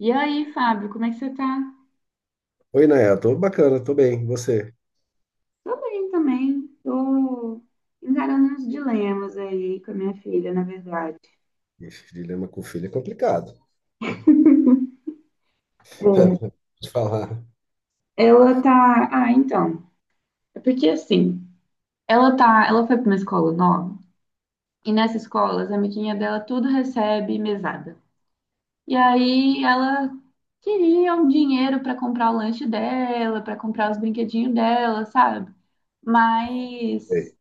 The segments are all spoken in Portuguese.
E aí, Fábio, como é que você tá? Oi, Naya, tô bacana, tô bem, e você? Tô bem também. Tô encarando uns dilemas aí com a minha filha, na verdade. Ixi, dilema com filho é complicado. É. Vou Te falar. Ela tá. Ah, então. É porque assim, ela tá. Ela foi pra uma escola nova, e nessa escola, as amiguinhas dela tudo recebe mesada. E aí ela queria um dinheiro pra comprar o lanche dela, pra comprar os brinquedinhos dela, sabe? Mas Ei.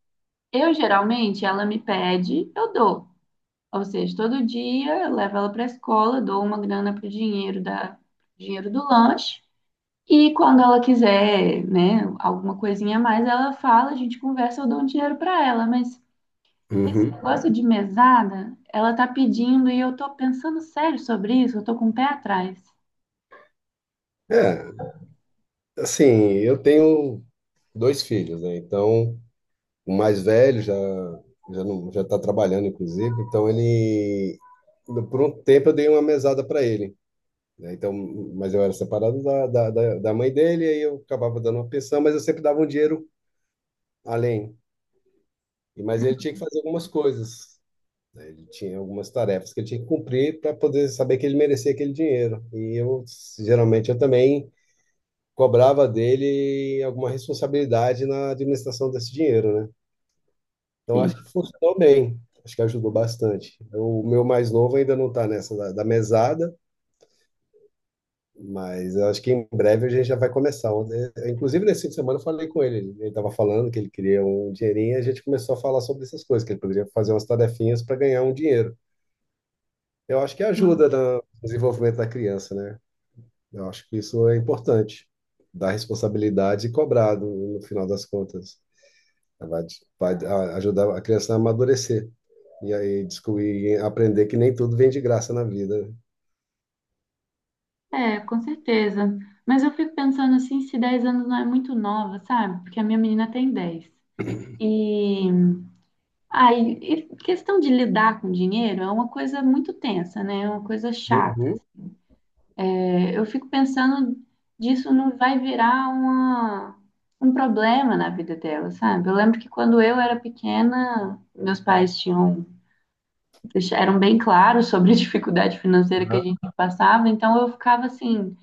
eu geralmente ela me pede, eu dou. Ou seja, todo dia eu levo ela para a escola, dou uma grana pro dinheiro do lanche. E quando ela quiser, né, alguma coisinha a mais, ela fala, a gente conversa, eu dou um dinheiro para ela, mas esse Uhum. negócio de mesada, ela tá pedindo e eu tô pensando sério sobre isso, eu tô com o pé atrás. É, assim, eu tenho dois filhos, né? Então, o mais velho já não, já tá trabalhando, inclusive, então ele por um tempo eu dei uma mesada para ele, né? Então, mas eu era separado da mãe dele, aí eu acabava dando uma pensão, mas eu sempre dava um dinheiro além. E mas ele tinha que fazer algumas coisas. Né? Ele tinha algumas tarefas que ele tinha que cumprir para poder saber que ele merecia aquele dinheiro. E eu, geralmente, eu também cobrava dele alguma responsabilidade na administração desse dinheiro, né? Então, Sim, acho que funcionou bem. Acho que ajudou bastante. O meu mais novo ainda não está nessa da mesada, mas eu acho que em breve a gente já vai começar. Inclusive, nesse fim de semana eu falei com ele. Ele estava falando que ele queria um dinheirinho e a gente começou a falar sobre essas coisas, que ele poderia fazer umas tarefinhas para ganhar um dinheiro. Eu acho que sim, ajuda no desenvolvimento da criança, né? Eu acho que isso é importante, dar responsabilidade e cobrar no final das contas. Vai, ajudar a criança a amadurecer e aí descobrir, aprender que nem tudo vem de graça na vida. é, com certeza. Mas eu fico pensando assim, se 10 anos não é muito nova, sabe? Porque a minha menina tem 10. E Aí, e questão de lidar com dinheiro é uma coisa muito tensa, né? É uma coisa chata. Uhum. É, eu fico pensando disso não vai virar uma, um problema na vida dela, sabe? Eu lembro que quando eu era pequena, meus pais tinham, eram bem claros sobre a dificuldade financeira que a gente passava, então eu ficava assim,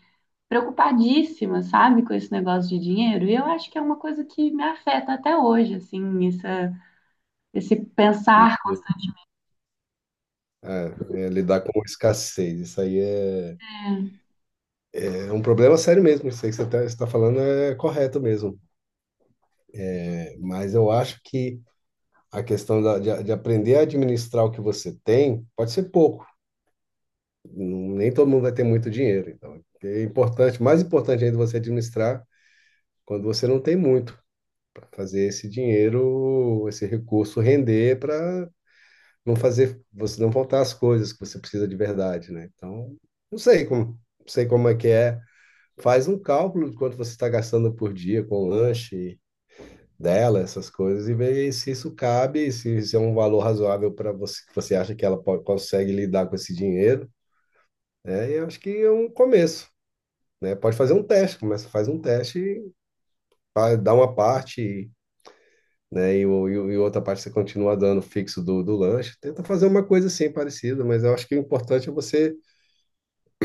preocupadíssima, sabe, com esse negócio de dinheiro. E eu acho que é uma coisa que me afeta até hoje, assim, esse pensar. É, é lidar com escassez, isso aí é, Né, é um problema sério mesmo. Isso aí que você está falando é correto mesmo. É, mas eu acho que a de aprender a administrar o que você tem pode ser pouco. Nem todo mundo vai ter muito dinheiro. Então, é importante, mais importante ainda você administrar quando você não tem muito, para fazer esse dinheiro, esse recurso render para não fazer você não faltar as coisas que você precisa de verdade, né? Então, não sei como, não sei como é que é. Faz um cálculo de quanto você está gastando por dia com lanche dela, essas coisas, e ver se isso cabe, se isso é um valor razoável para você, que você acha que ela pode, consegue lidar com esse dinheiro. É, eu acho que é um começo. Né? Pode fazer um teste, começa, faz um teste, dá uma parte, né? E, e outra parte você continua dando fixo do lanche. Tenta fazer uma coisa assim parecida, mas eu acho que o importante é você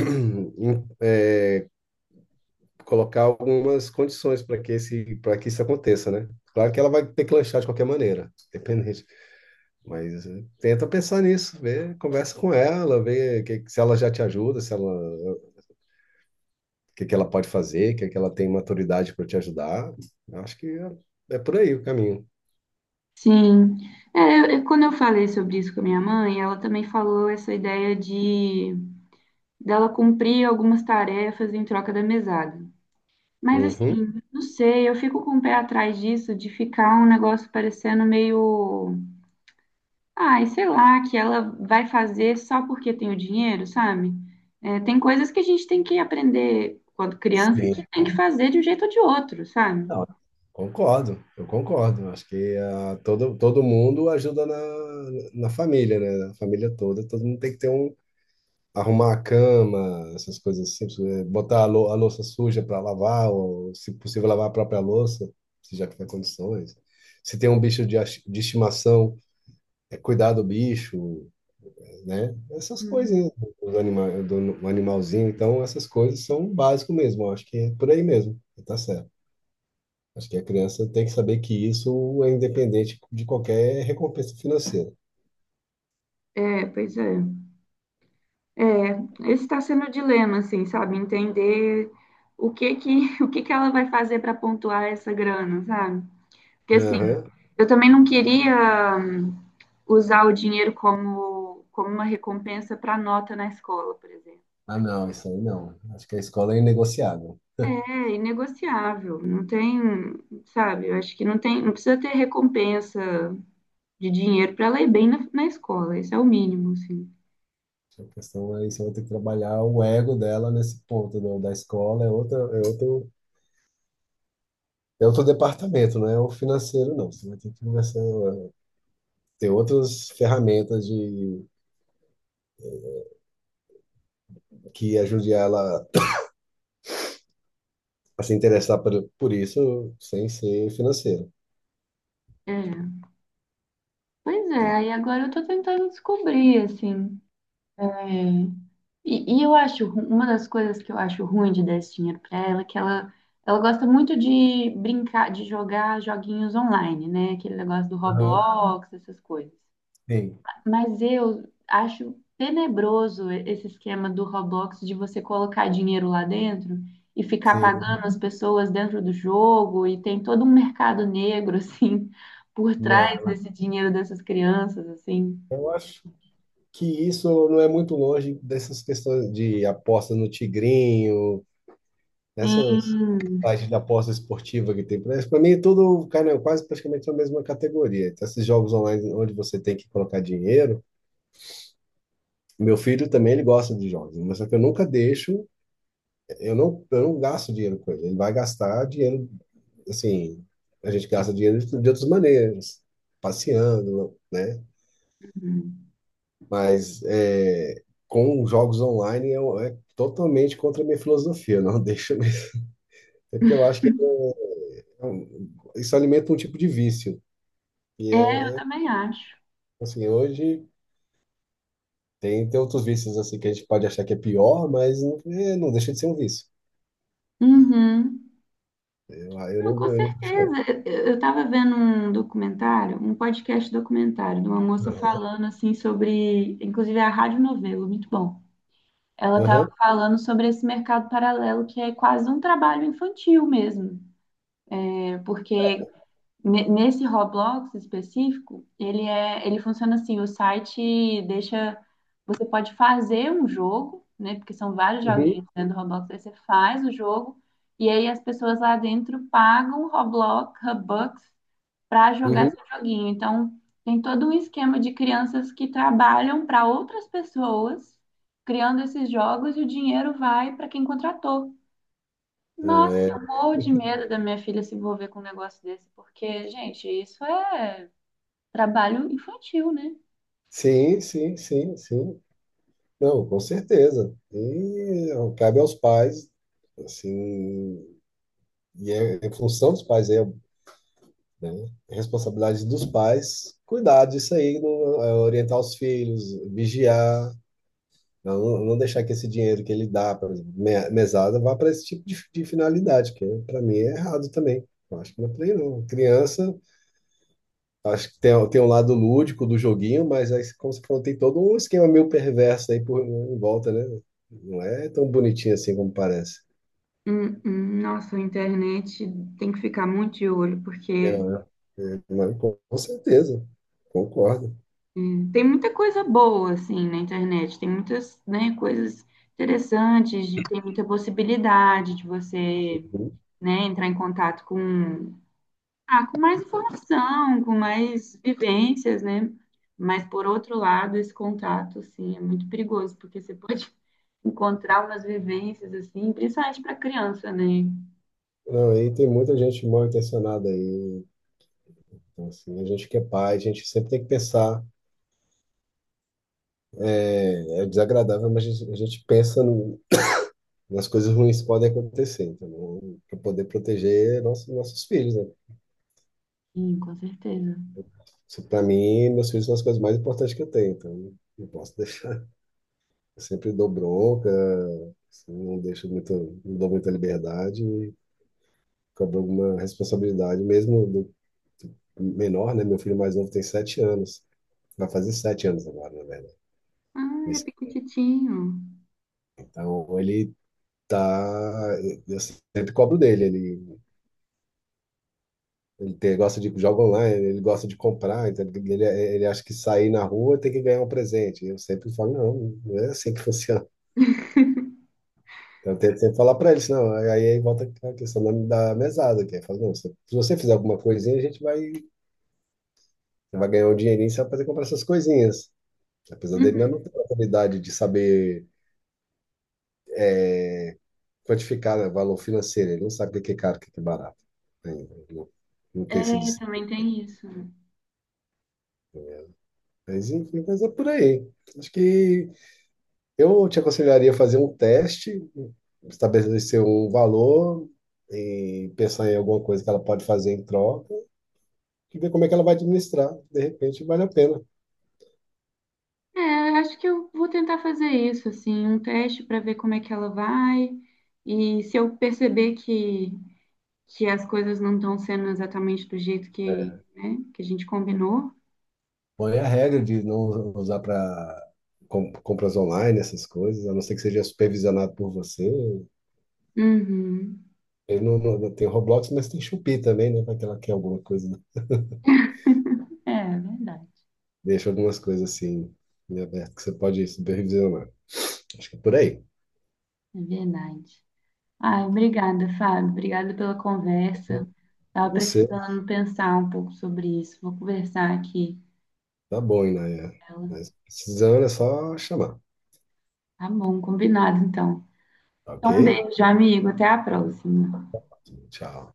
hum, em- colocar algumas condições para que esse, para que isso aconteça, né? Claro que ela vai ter que lanchar de qualquer maneira, independente. Mas tenta pensar nisso, vê, conversa com ela, se ela já te ajuda, se ela, o que que ela pode fazer, o que que ela tem maturidade para te ajudar. Eu acho que é, é por aí o caminho. sim. É, quando eu falei sobre isso com a minha mãe, ela também falou essa ideia de dela cumprir algumas tarefas em troca da mesada. Mas Uhum. assim, não sei, eu fico com o pé atrás disso, de ficar um negócio parecendo meio, ai, sei lá, que ela vai fazer só porque tem o dinheiro, sabe? É, tem coisas que a gente tem que aprender quando criança Sim. que tem que fazer de um jeito ou de outro, sabe? Não, concordo, eu concordo. Acho que todo, todo mundo ajuda na, na família, né? A família toda, todo mundo tem que ter um. Arrumar a cama, essas coisas assim, botar a, a louça suja para lavar, ou se possível, lavar a própria louça, se já tiver condições. Se tem um bicho de, de estimação, é cuidar do bicho, né? Essas Uhum. coisas, anima, do animalzinho. Então, essas coisas são o básico mesmo. Eu acho que é por aí mesmo. Tá certo. Acho que a criança tem que saber que isso é independente de qualquer recompensa financeira. É, pois é. É, esse está sendo o dilema, assim, sabe? Entender o que que ela vai fazer para pontuar essa grana, sabe? Porque, assim, Aham. eu também não queria usar o dinheiro como, como uma recompensa para nota na escola, por exemplo. Ah, Porque não, isso aí não. Acho que a escola é inegociável. é inegociável, não tem, sabe? Eu acho que não tem, não precisa ter recompensa de dinheiro para ela ir bem na, na escola, isso é o mínimo, assim. A questão é isso, eu vou ter que trabalhar o ego dela nesse ponto, né? O da escola, é outra, é outro departamento, não é o financeiro, não. Você vai ter que conversar, ter outras ferramentas de, que ajude ela a se interessar por isso sem ser financeiro. É. Pois Né? é, aí agora eu tô tentando descobrir, assim. É, e, eu acho, uma das coisas que eu acho ruim de dar esse dinheiro para ela é que ela gosta muito de brincar, de jogar joguinhos online, né? Aquele negócio do Aham, Roblox, essas coisas. sim, Mas eu acho tenebroso esse esquema do Roblox de você colocar dinheiro lá dentro e ficar sim. pagando as pessoas dentro do jogo, e tem todo um mercado negro, assim, por trás Não, desse dinheiro dessas crianças, assim. eu acho que isso não é muito longe dessas questões de apostas no Tigrinho, dessas Sim. sites de aposta esportiva que tem por aí. Para mim, tudo cara, quase praticamente é a mesma categoria. Então, esses jogos online onde você tem que colocar dinheiro. Meu filho também ele gosta de jogos, mas só que eu nunca deixo, eu não gasto dinheiro com ele. Ele vai gastar dinheiro, assim, a gente gasta dinheiro de outras maneiras, passeando, né? Mas é, com jogos online é totalmente contra a minha filosofia. Não deixa mesmo. É porque eu acho que isso alimenta um tipo de vício. E É, eu é é, também acho. assim, hoje tem, tem outros vícios assim que a gente pode achar que é pior, mas não, é, não deixa de ser um vício. Uhum. Eu, Não, com eu não deixo, não. certeza. Eu estava vendo um documentário, um podcast documentário, de uma moça falando assim sobre, inclusive a Rádio Novelo, muito bom. Ela estava Aham, falando sobre esse mercado paralelo que é quase um trabalho infantil mesmo, né? Porque nesse Roblox específico, ele funciona assim, o site deixa, você pode fazer um jogo, né? Porque são vários uhum, joguinhos dentro do Roblox, aí você faz o jogo e aí as pessoas lá dentro pagam Robux para jogar uhum. seu joguinho. Então, tem todo um esquema de crianças que trabalham para outras pessoas criando esses jogos e o dinheiro vai para quem contratou. Nossa, É, eu morro de medo da minha filha se envolver com um negócio desse, porque, gente, isso é trabalho infantil, né? sim, sim, sim, sim. Não, com certeza. E ó, cabe aos pais, assim, e é, é função dos pais, é né? Responsabilidade dos pais, cuidar disso aí, é, orientar os filhos, vigiar, não, não deixar que esse dinheiro que ele dá, por exemplo, mesada, vá para esse tipo de finalidade, que para mim é errado também. Eu acho que não é por aí, não. Criança, acho que tem, tem um lado lúdico do joguinho, mas aí, como você falou, tem todo um esquema meio perverso aí por, em volta, né? Não é tão bonitinho assim como parece. Hum. Nossa, a internet tem que ficar muito de olho, É, porque é, mas com certeza, concordo. Tem muita coisa boa, assim, na internet. Tem muitas, né, coisas interessantes, tem muita possibilidade de você, né, entrar em contato com... Ah, com mais informação, com mais vivências, né? Mas, por outro lado, esse contato, assim, é muito perigoso, porque você pode encontrar umas vivências, assim, principalmente para criança, né? Não, aí tem muita gente mal intencionada aí. Então, assim, a gente que é pai, a gente sempre tem que pensar. É, é desagradável, mas a gente pensa nas coisas ruins que podem acontecer, entendeu? Para poder proteger nossos, nossos filhos, né? Sim, com certeza. Isso, para mim, meus filhos são as coisas mais importantes que eu tenho, então não posso deixar. Eu sempre dou bronca, assim, não deixo muito, não dou muita liberdade, e cobro alguma responsabilidade, mesmo do menor, né? Meu filho mais novo tem sete anos, vai fazer sete anos agora, na verdade. Ah, ele é pequititinho. Então ele tá. Eu sempre cobro dele. Ele, gosta de jogar online, ele gosta de comprar, então ele acha que sair na rua tem que ganhar um presente. Eu sempre falo, não, não é assim que funciona. Então, eu tento sempre falar para eles, não. Aí volta a questão da mesada, que é, fala, não, se você fizer alguma coisinha, a gente vai, você vai ganhar um dinheirinho, você vai fazer comprar essas coisinhas. Apesar dele ainda Uhum. não ter a oportunidade de saber quantificar, né, valor financeiro, ele não sabe o que é caro, o que é barato. Né? Ele não, não tem esse É, também tem isso. Mas enfim, mas é por aí. Acho que eu te aconselharia a fazer um teste, estabelecer um valor e pensar em alguma coisa que ela pode fazer em troca e ver como é que ela vai administrar. De repente, vale a pena. É, eu acho que eu vou tentar fazer isso, assim, um teste para ver como é que ela vai. E se eu perceber que as coisas não estão sendo exatamente do jeito que, né, que a gente combinou... Bom, é a regra de não usar para compras online, essas coisas, a não ser que seja supervisionado por você. Uhum. Ele não, não tem Roblox, mas tem Shopee também, né? Pra que ela quer alguma coisa, né? É verdade, Deixa algumas coisas assim em aberto que você pode supervisionar. Acho que é por aí. é verdade. Ai, obrigada, Fábio. Obrigada pela conversa. E Tava você, precisando pensar um pouco sobre isso. Vou conversar aqui tá bom, Inaya. com Mas ela. precisando é só chamar, Tá bom, combinado então. tá ok? Então, um beijo, amigo. Até a próxima. Tchau.